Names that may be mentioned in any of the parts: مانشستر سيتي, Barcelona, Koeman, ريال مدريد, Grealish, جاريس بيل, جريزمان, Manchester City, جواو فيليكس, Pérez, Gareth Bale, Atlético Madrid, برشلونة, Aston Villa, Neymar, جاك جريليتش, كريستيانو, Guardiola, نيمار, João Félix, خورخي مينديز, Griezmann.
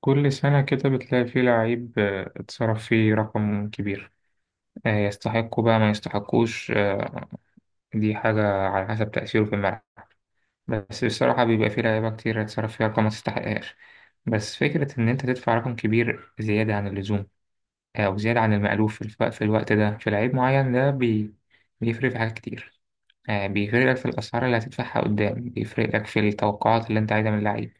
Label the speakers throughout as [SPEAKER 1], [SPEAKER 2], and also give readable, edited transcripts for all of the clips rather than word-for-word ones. [SPEAKER 1] كل سنة كده بتلاقي فيه لعيب، اتصرف فيه رقم كبير. يستحقه بقى ما يستحقوش. دي حاجة على حسب تأثيره في الملعب. بس بصراحة بيبقى فيه لعيبة كتير اتصرف فيها رقم ما تستحقهاش. بس فكرة إن أنت تدفع رقم كبير زيادة عن اللزوم، أو زيادة عن المألوف في الوقت ده في لعيب معين ده، بيفرق في حاجات كتير. بيفرق لك في الأسعار اللي هتدفعها قدام، بيفرق لك في التوقعات اللي أنت عايزها من اللعيب.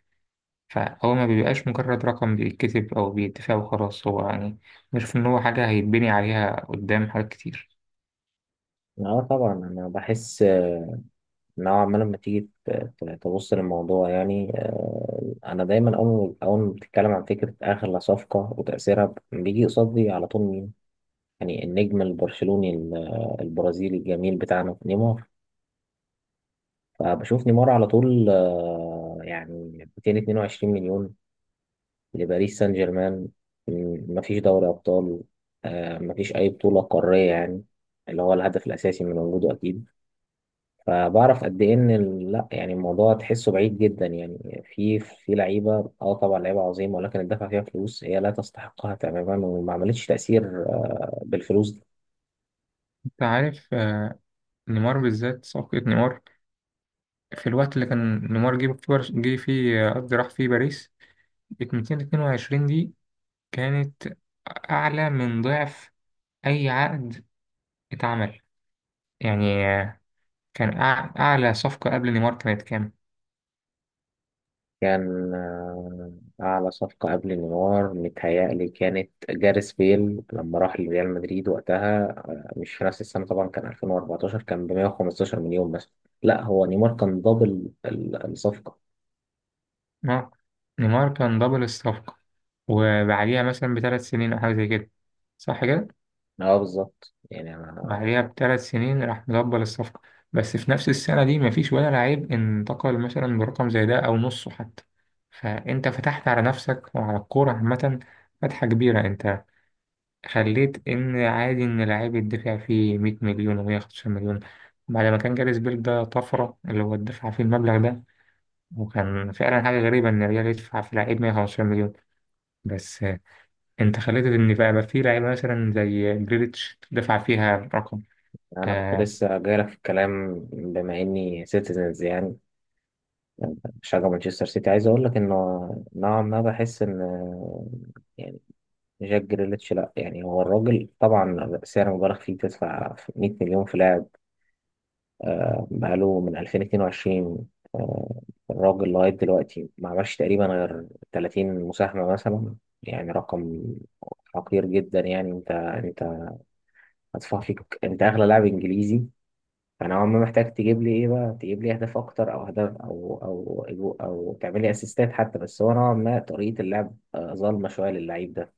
[SPEAKER 1] فهو ما بيبقاش مجرد رقم بيتكتب أو بيتفق وخلاص، هو يعني غير إن هو حاجة هيتبني عليها قدام حاجات كتير.
[SPEAKER 2] اه طبعا انا بحس نوعا ما لما تيجي تبص للموضوع يعني انا دايما اول ما بتتكلم عن فكره اغلى صفقه وتاثيرها بيجي قصادي على طول مين. يعني النجم البرشلوني البرازيلي الجميل بتاعنا نيمار. فبشوف نيمار على طول، يعني 222 مليون لباريس سان جيرمان. مفيش دوري ابطال، مفيش اي بطوله قاريه يعني، اللي هو الهدف الاساسي من وجوده اكيد. فبعرف قد ايه ان لا، يعني الموضوع تحسه بعيد جدا، يعني في لعيبه، طبعا لعيبه عظيمه ولكن الدفع فيها فلوس هي لا تستحقها تماما، وما عملتش تاثير بالفلوس دي.
[SPEAKER 1] أنت عارف. نيمار بالذات، صفقة نيمار. في الوقت اللي كان نيمار جه فيه، قصدي راح فيه باريس، 222 دي كانت أعلى من ضعف أي عقد اتعمل. يعني، كان أعلى صفقة قبل نيمار كانت كام؟
[SPEAKER 2] كان اعلى صفقه قبل نيمار متهيألي كانت جاريس بيل لما راح لريال مدريد وقتها، مش في نفس السنه طبعا، كان 2014، كان ب 115 مليون بس. لا، هو نيمار كان دبل الصفقه.
[SPEAKER 1] آه، نيمار كان دبل الصفقة، وبعديها مثلا بثلاث سنين أو حاجة زي كده، صح كده؟
[SPEAKER 2] اه بالظبط يعني.
[SPEAKER 1] بعديها بثلاث سنين راح مدبل الصفقة. بس في نفس السنة دي مفيش ولا لعيب انتقل مثلا برقم زي ده أو نصه حتى. فأنت فتحت على نفسك وعلى الكورة عامة فتحة كبيرة. أنت خليت إن عادي إن لعيب يدفع فيه 100 مليون و115 مليون بعد ما كان جاريس بيل ده طفرة اللي هو دفع فيه المبلغ ده. وكان فعلا حاجة غريبة إن الريال يدفع في لعيب 115 مليون. بس، أنت خليت إن بقى في لعيبة مثلا زي جريليتش دفع فيها رقم.
[SPEAKER 2] يعني انا كنت
[SPEAKER 1] آه،
[SPEAKER 2] لسه جايلك في الكلام بما اني سيتيزنز، يعني بشجع مانشستر سيتي، عايز اقول لك انه نوعا ما بحس ان يعني جاك جريليتش، لا يعني هو الراجل طبعا سعر مبالغ فيه تدفع 100 مليون في لاعب. بقاله من 2022، آه، الراجل لغايه دلوقتي ما عملش تقريبا غير 30 مساهمه مثلا، يعني رقم حقير جدا. يعني انت هتدفع فيك انت اغلى لاعب انجليزي، فانا عمري محتاج تجيب لي ايه بقى؟ تجيب لي اهداف اكتر، او اهداف، أو تعمل لي اسيستات حتى. بس هو نوعا ما طريقه اللعب ظالمه شويه للعيب ده.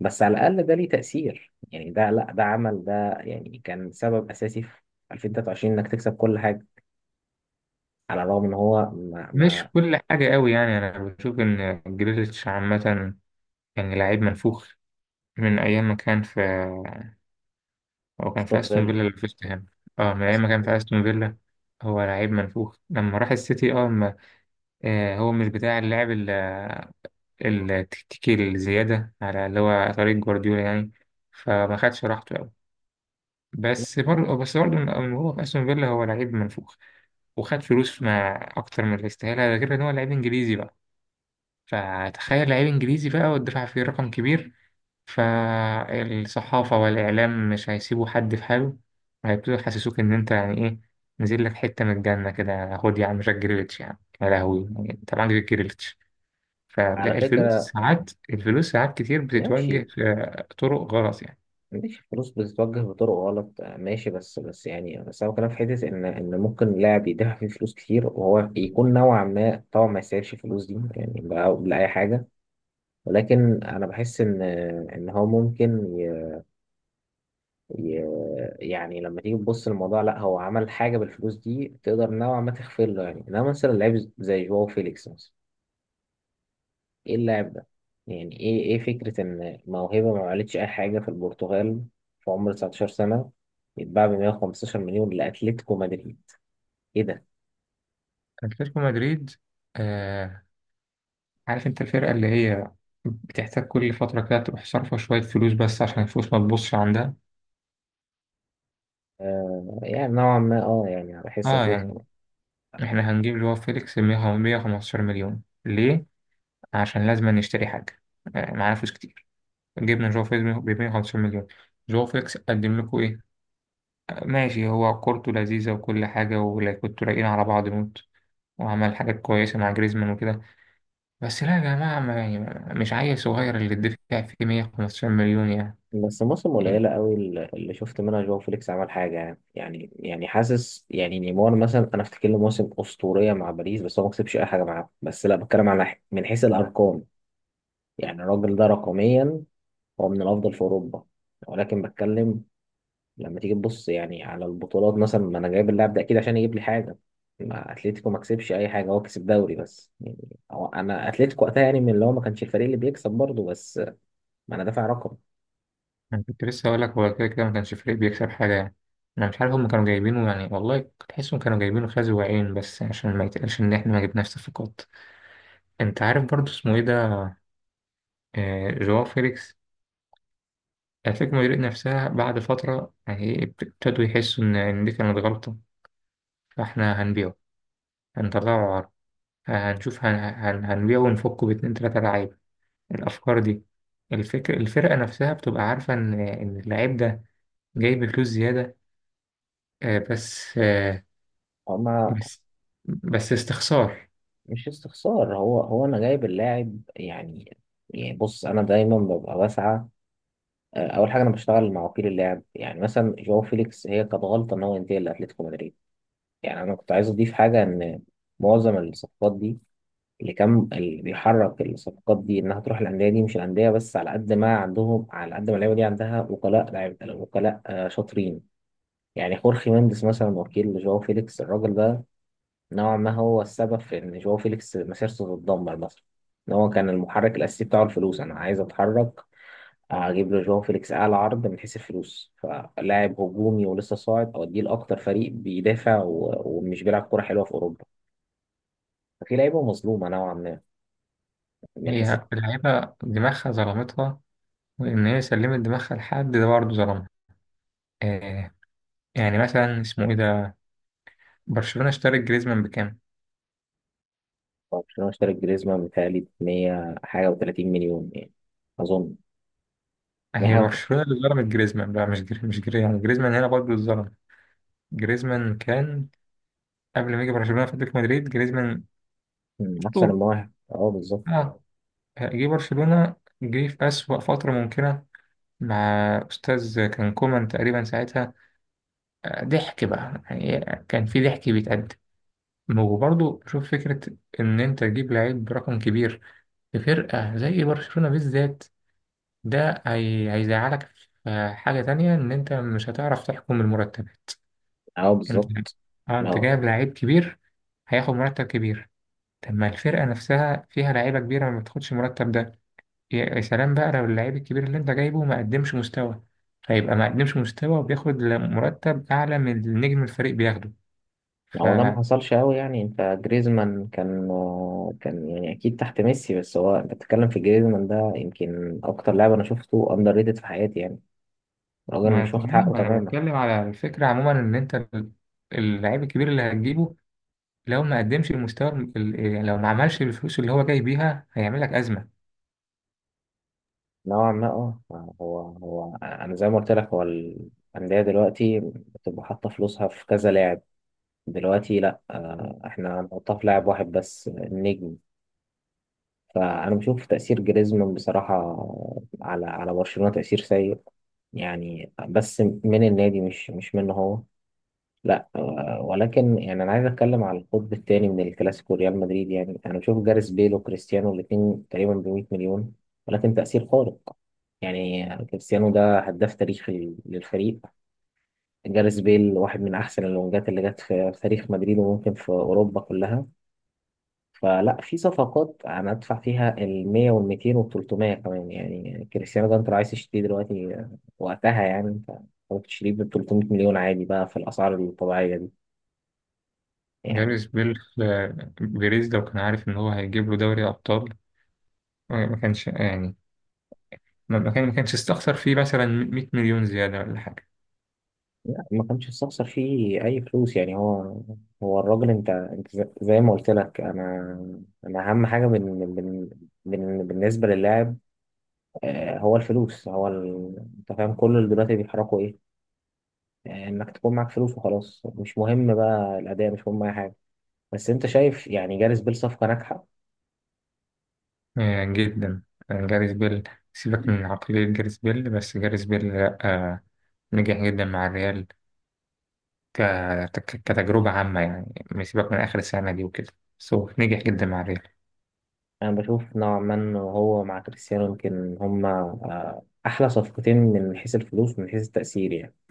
[SPEAKER 2] بس على الاقل ده ليه تاثير، يعني ده لا ده عمل، ده يعني كان سبب اساسي في 2023 انك تكسب كل حاجه، على الرغم ان هو ما
[SPEAKER 1] مش كل حاجة قوي يعني، أنا بشوف إن جريليتش عامة يعني لعيب منفوخ من أيام ما كان في هو كان في
[SPEAKER 2] استغل.
[SPEAKER 1] أستون فيلا اللي فزت هنا. من أيام ما كان في أستون فيلا هو لعيب منفوخ. لما راح السيتي، أه ما هو مش بتاع اللعب التكتيكي الزيادة على اللي هو طريق جوارديولا، يعني فما خدش راحته أوي. بس برضه من هو في أستون فيلا هو لعيب منفوخ، وخد فلوس مع أكتر من اللي يستاهلها، ده غير إن هو لعيب إنجليزي بقى. فتخيل لعيب انجليزي بقى والدفاع فيه رقم كبير، فالصحافة والإعلام مش هيسيبوا حد في حاله، هيبتدوا يحسسوك إن أنت يعني إيه، نزل لك حتة من الجنة كده. خد يا عم جاك جريليتش، يا عم يا لهوي، يعني أنت معاك جاك جريليتش.
[SPEAKER 2] على
[SPEAKER 1] فلا، الفلوس
[SPEAKER 2] فكره،
[SPEAKER 1] ساعات الفلوس ساعات كتير بتتوجه
[SPEAKER 2] ماشي
[SPEAKER 1] في طرق غلط يعني.
[SPEAKER 2] ماشي، الفلوس بتتوجه بطرق غلط، ماشي. بس يعني، بس هو كلام في حتة إن ممكن لاعب يدفع فيه فلوس كتير وهو يكون نوعا ما طبعا ما يستاهلش الفلوس دي يعني بقى لأي حاجة. ولكن أنا بحس إن إن هو ممكن ي... ي... يعني لما تيجي تبص للموضوع، لا هو عمل حاجة بالفلوس دي تقدر نوعا ما تغفر له. يعني إنما مثلا لعيب زي جواو فيليكس مثلا، ايه اللاعب ده؟ يعني ايه فكرة ان موهبة ما عملتش اي حاجة في البرتغال في عمر 19 سنة يتباع ب 115 مليون لاتلتيكو مدريد؟ ايه ده؟
[SPEAKER 1] أتلتيكو مدريد. آه عارف أنت الفرقة اللي هي بتحتاج كل فترة كده تروح صارفة شوية فلوس بس عشان الفلوس ما تبصش عندها.
[SPEAKER 2] آه، يعني نوعا ما، يعني على حس
[SPEAKER 1] اه يعني
[SPEAKER 2] اتلتيكو.
[SPEAKER 1] احنا هنجيب اللي هو فيليكس 115 مليون ليه؟ عشان لازم نشتري حاجة، معانا فلوس كتير. جبنا جواو فيليكس ب 115 مليون، جواو فيليكس قدم لكم ايه؟ ماشي، هو كورته لذيذة وكل حاجة، ولا كنتوا رايقين على بعض موت وعمل حاجات كويسة مع جريزمان وكده. بس لا يا جماعة، ما يعني مش عيل صغير اللي تدفع فيه 115 مليون يعني.
[SPEAKER 2] بس موسم
[SPEAKER 1] يعني
[SPEAKER 2] قليلة قوي اللي شفت منها جواو فيليكس عمل حاجة. يعني حاسس يعني نيمار مثلا انا افتكر له موسم اسطورية مع باريس، بس هو ما كسبش اي حاجة معاه. بس لا بتكلم على من حيث الارقام، يعني الراجل ده رقميا هو من الافضل في اوروبا، ولكن بتكلم لما تيجي تبص يعني على البطولات مثلا. ما انا جايب اللاعب ده اكيد عشان يجيب لي حاجه، ما اتلتيكو ما كسبش اي حاجه، هو كسب دوري بس يعني. هو انا اتلتيكو وقتها يعني من اللي هو ما كانش الفريق اللي بيكسب برضه، بس ما انا دافع رقم.
[SPEAKER 1] انا كنت لسه هقول لك، هو كده كده ما كانش فريق بيكسب حاجه يعني. انا مش عارف هم كانوا جايبينه، يعني والله كنت تحسهم كانوا جايبينه خازي وعين، بس عشان ما يتقالش ان احنا ما جبناش صفقات. انت عارف برضو اسمه ايه ده، آه، جواو فيليكس. اتلتيكو مدريد نفسها بعد فتره، يعني إيه، ابتدوا يحسوا ان دي كانت غلطه، فاحنا هنبيعه، هنطلعه عرض، هنشوف هنبيعه ونفكه باتنين تلاته لعيبه. الافكار دي، الفكر الفرقه نفسها بتبقى عارفه ان اللعيب ده جايب فلوس زياده. بس،
[SPEAKER 2] هو ما
[SPEAKER 1] بس بس استخسار.
[SPEAKER 2] مش استخسار، هو انا جايب اللاعب يعني. يعني بص انا دايما ببقى بسعى، اول حاجه انا بشتغل مع وكيل اللاعب. يعني مثلا جواو فيليكس هي كانت غلطه ان هو ينتقل لاتلتيكو مدريد. يعني انا كنت عايز اضيف حاجه ان معظم الصفقات دي، اللي كان اللي بيحرك الصفقات دي انها تروح الانديه دي، مش الانديه بس على قد ما عندهم، على قد ما اللعيبه دي عندها وكلاء لعيبه، وكلاء شاطرين. يعني خورخي مينديز مثلا وكيل جواو فيليكس، الراجل ده نوعا ما هو السبب في ان جواو فيليكس مسيرته تتدمر مثلا، ان هو كان المحرك الاساسي بتاعه الفلوس. انا عايز اتحرك، اجيب له جواو فيليكس اعلى عرض من حيث الفلوس، فلاعب هجومي ولسه صاعد اوديه لاكتر فريق بيدافع ومش بيلعب كوره حلوه في اوروبا. ففي لعيبه مظلومه نوعا ما من حيث.
[SPEAKER 1] هي اللعيبة دماغها ظلمتها، وإن هي سلمت دماغها لحد ده برضه ظلمها. آه يعني مثلا اسمه إيه ده، برشلونة اشترت جريزمان بكام؟
[SPEAKER 2] برشلونة اشترى جريزمان بتهيألي ب 100 حاجة و30 مليون يعني، أظن. 100
[SPEAKER 1] هي
[SPEAKER 2] حاجة و-
[SPEAKER 1] برشلونة اللي ظلمت جريزمان بقى، مش جري مش جري يعني جريزمان هنا برضه اتظلم. جريزمان كان قبل ما يجي برشلونة في أتلتيكو مدريد جريزمان
[SPEAKER 2] مم، أحسن من
[SPEAKER 1] أسطورة.
[SPEAKER 2] واحد. أه بالظبط
[SPEAKER 1] اه، جه برشلونة، جه في أسوأ فترة ممكنة مع أستاذ كان كومان تقريبا ساعتها. ضحك بقى يعني، كان في ضحك بيتقدم. وبرضه شوف فكرة إن أنت تجيب لعيب برقم كبير في فرقة زي برشلونة بالذات، ده هيزعلك في حاجة تانية إن أنت مش هتعرف تحكم المرتبات.
[SPEAKER 2] أه
[SPEAKER 1] أنت
[SPEAKER 2] بالظبط.
[SPEAKER 1] أه
[SPEAKER 2] ما
[SPEAKER 1] أنت
[SPEAKER 2] هو
[SPEAKER 1] جايب لعيب كبير، هياخد مرتب كبير. طب ما الفرقة نفسها فيها لعيبة كبيرة ما بتاخدش المرتب ده. يا سلام بقى لو اللعيب الكبير اللي أنت جايبه ما قدمش مستوى، فيبقى ما قدمش مستوى وبياخد مرتب أعلى من النجم الفريق بياخده.
[SPEAKER 2] ما
[SPEAKER 1] ف...
[SPEAKER 2] هو ده ما حصلش أوي، يعني أنت جريزمان كان يعني أكيد تحت ميسي. بس هو أنت بتتكلم في جريزمان، ده يمكن أكتر لاعب أنا شفته أندر ريتد في حياتي يعني، الراجل
[SPEAKER 1] ما
[SPEAKER 2] مش واخد
[SPEAKER 1] تمام،
[SPEAKER 2] حقه
[SPEAKER 1] ما انا
[SPEAKER 2] تماما.
[SPEAKER 1] بتكلم على الفكره عموما ان انت اللاعب الكبير اللي هتجيبه، لو ما قدمش المستوى، لو ما عملش الفلوس اللي هو جاي بيها هيعمل لك ازمه.
[SPEAKER 2] نوعا ما، هو أنا زي ما قلت لك، هو الأندية دلوقتي بتبقى حاطة فلوسها في كذا لاعب، دلوقتي لا، احنا هنحطها في لاعب واحد بس، النجم. فانا بشوف تأثير جريزمان بصراحة على برشلونة تأثير سيء يعني، بس من النادي مش منه هو. لا ولكن يعني انا عايز اتكلم على القطب الثاني من الكلاسيكو ريال مدريد. يعني انا بشوف جاريث بيل وكريستيانو الاثنين تقريبا ب 100 مليون، ولكن تأثير خارق. يعني كريستيانو ده هداف تاريخي للفريق، جاريث بيل واحد من احسن الونجات اللي جت في تاريخ مدريد وممكن في اوروبا كلها. فلا، في صفقات انا ادفع فيها ال 100 وال 200 وال 300 كمان يعني. كريستيانو ده انت لو عايز تشتريه دلوقتي، وقتها يعني انت ممكن تشتريه ب 300 مليون عادي بقى في الاسعار الطبيعيه دي يعني.
[SPEAKER 1] جاريس بيل، بيريز لو كان عارف ان هو هيجيب له دوري ابطال، ما كانش يعني ما كانش استخسر فيه مثلا 100 مليون زياده ولا حاجه.
[SPEAKER 2] لا، ما كانش استخسر فيه اي فلوس يعني. هو هو الراجل انت، انت زي ما قلت لك انا، انا اهم حاجه بالنسبه للاعب، هو الفلوس، انت فاهم كل اللي دلوقتي بيحركوا ايه؟ انك تكون معاك فلوس وخلاص، مش مهم بقى الاداء، مش مهم اي حاجه. بس انت شايف يعني جاريث بيل صفقة ناجحة.
[SPEAKER 1] جدا. جاريس بيل، سيبك من عقليه جاريس بيل، بس جاريس بيل لا نجح جدا مع الريال. ك... كتجربة عامة يعني، ما سيبك من آخر السنة دي وكده، بس هو نجح جدا مع الريال.
[SPEAKER 2] انا بشوف نوعا ما ان هو مع كريستيانو يمكن هما احلى صفقتين من حيث الفلوس ومن حيث التأثير يعني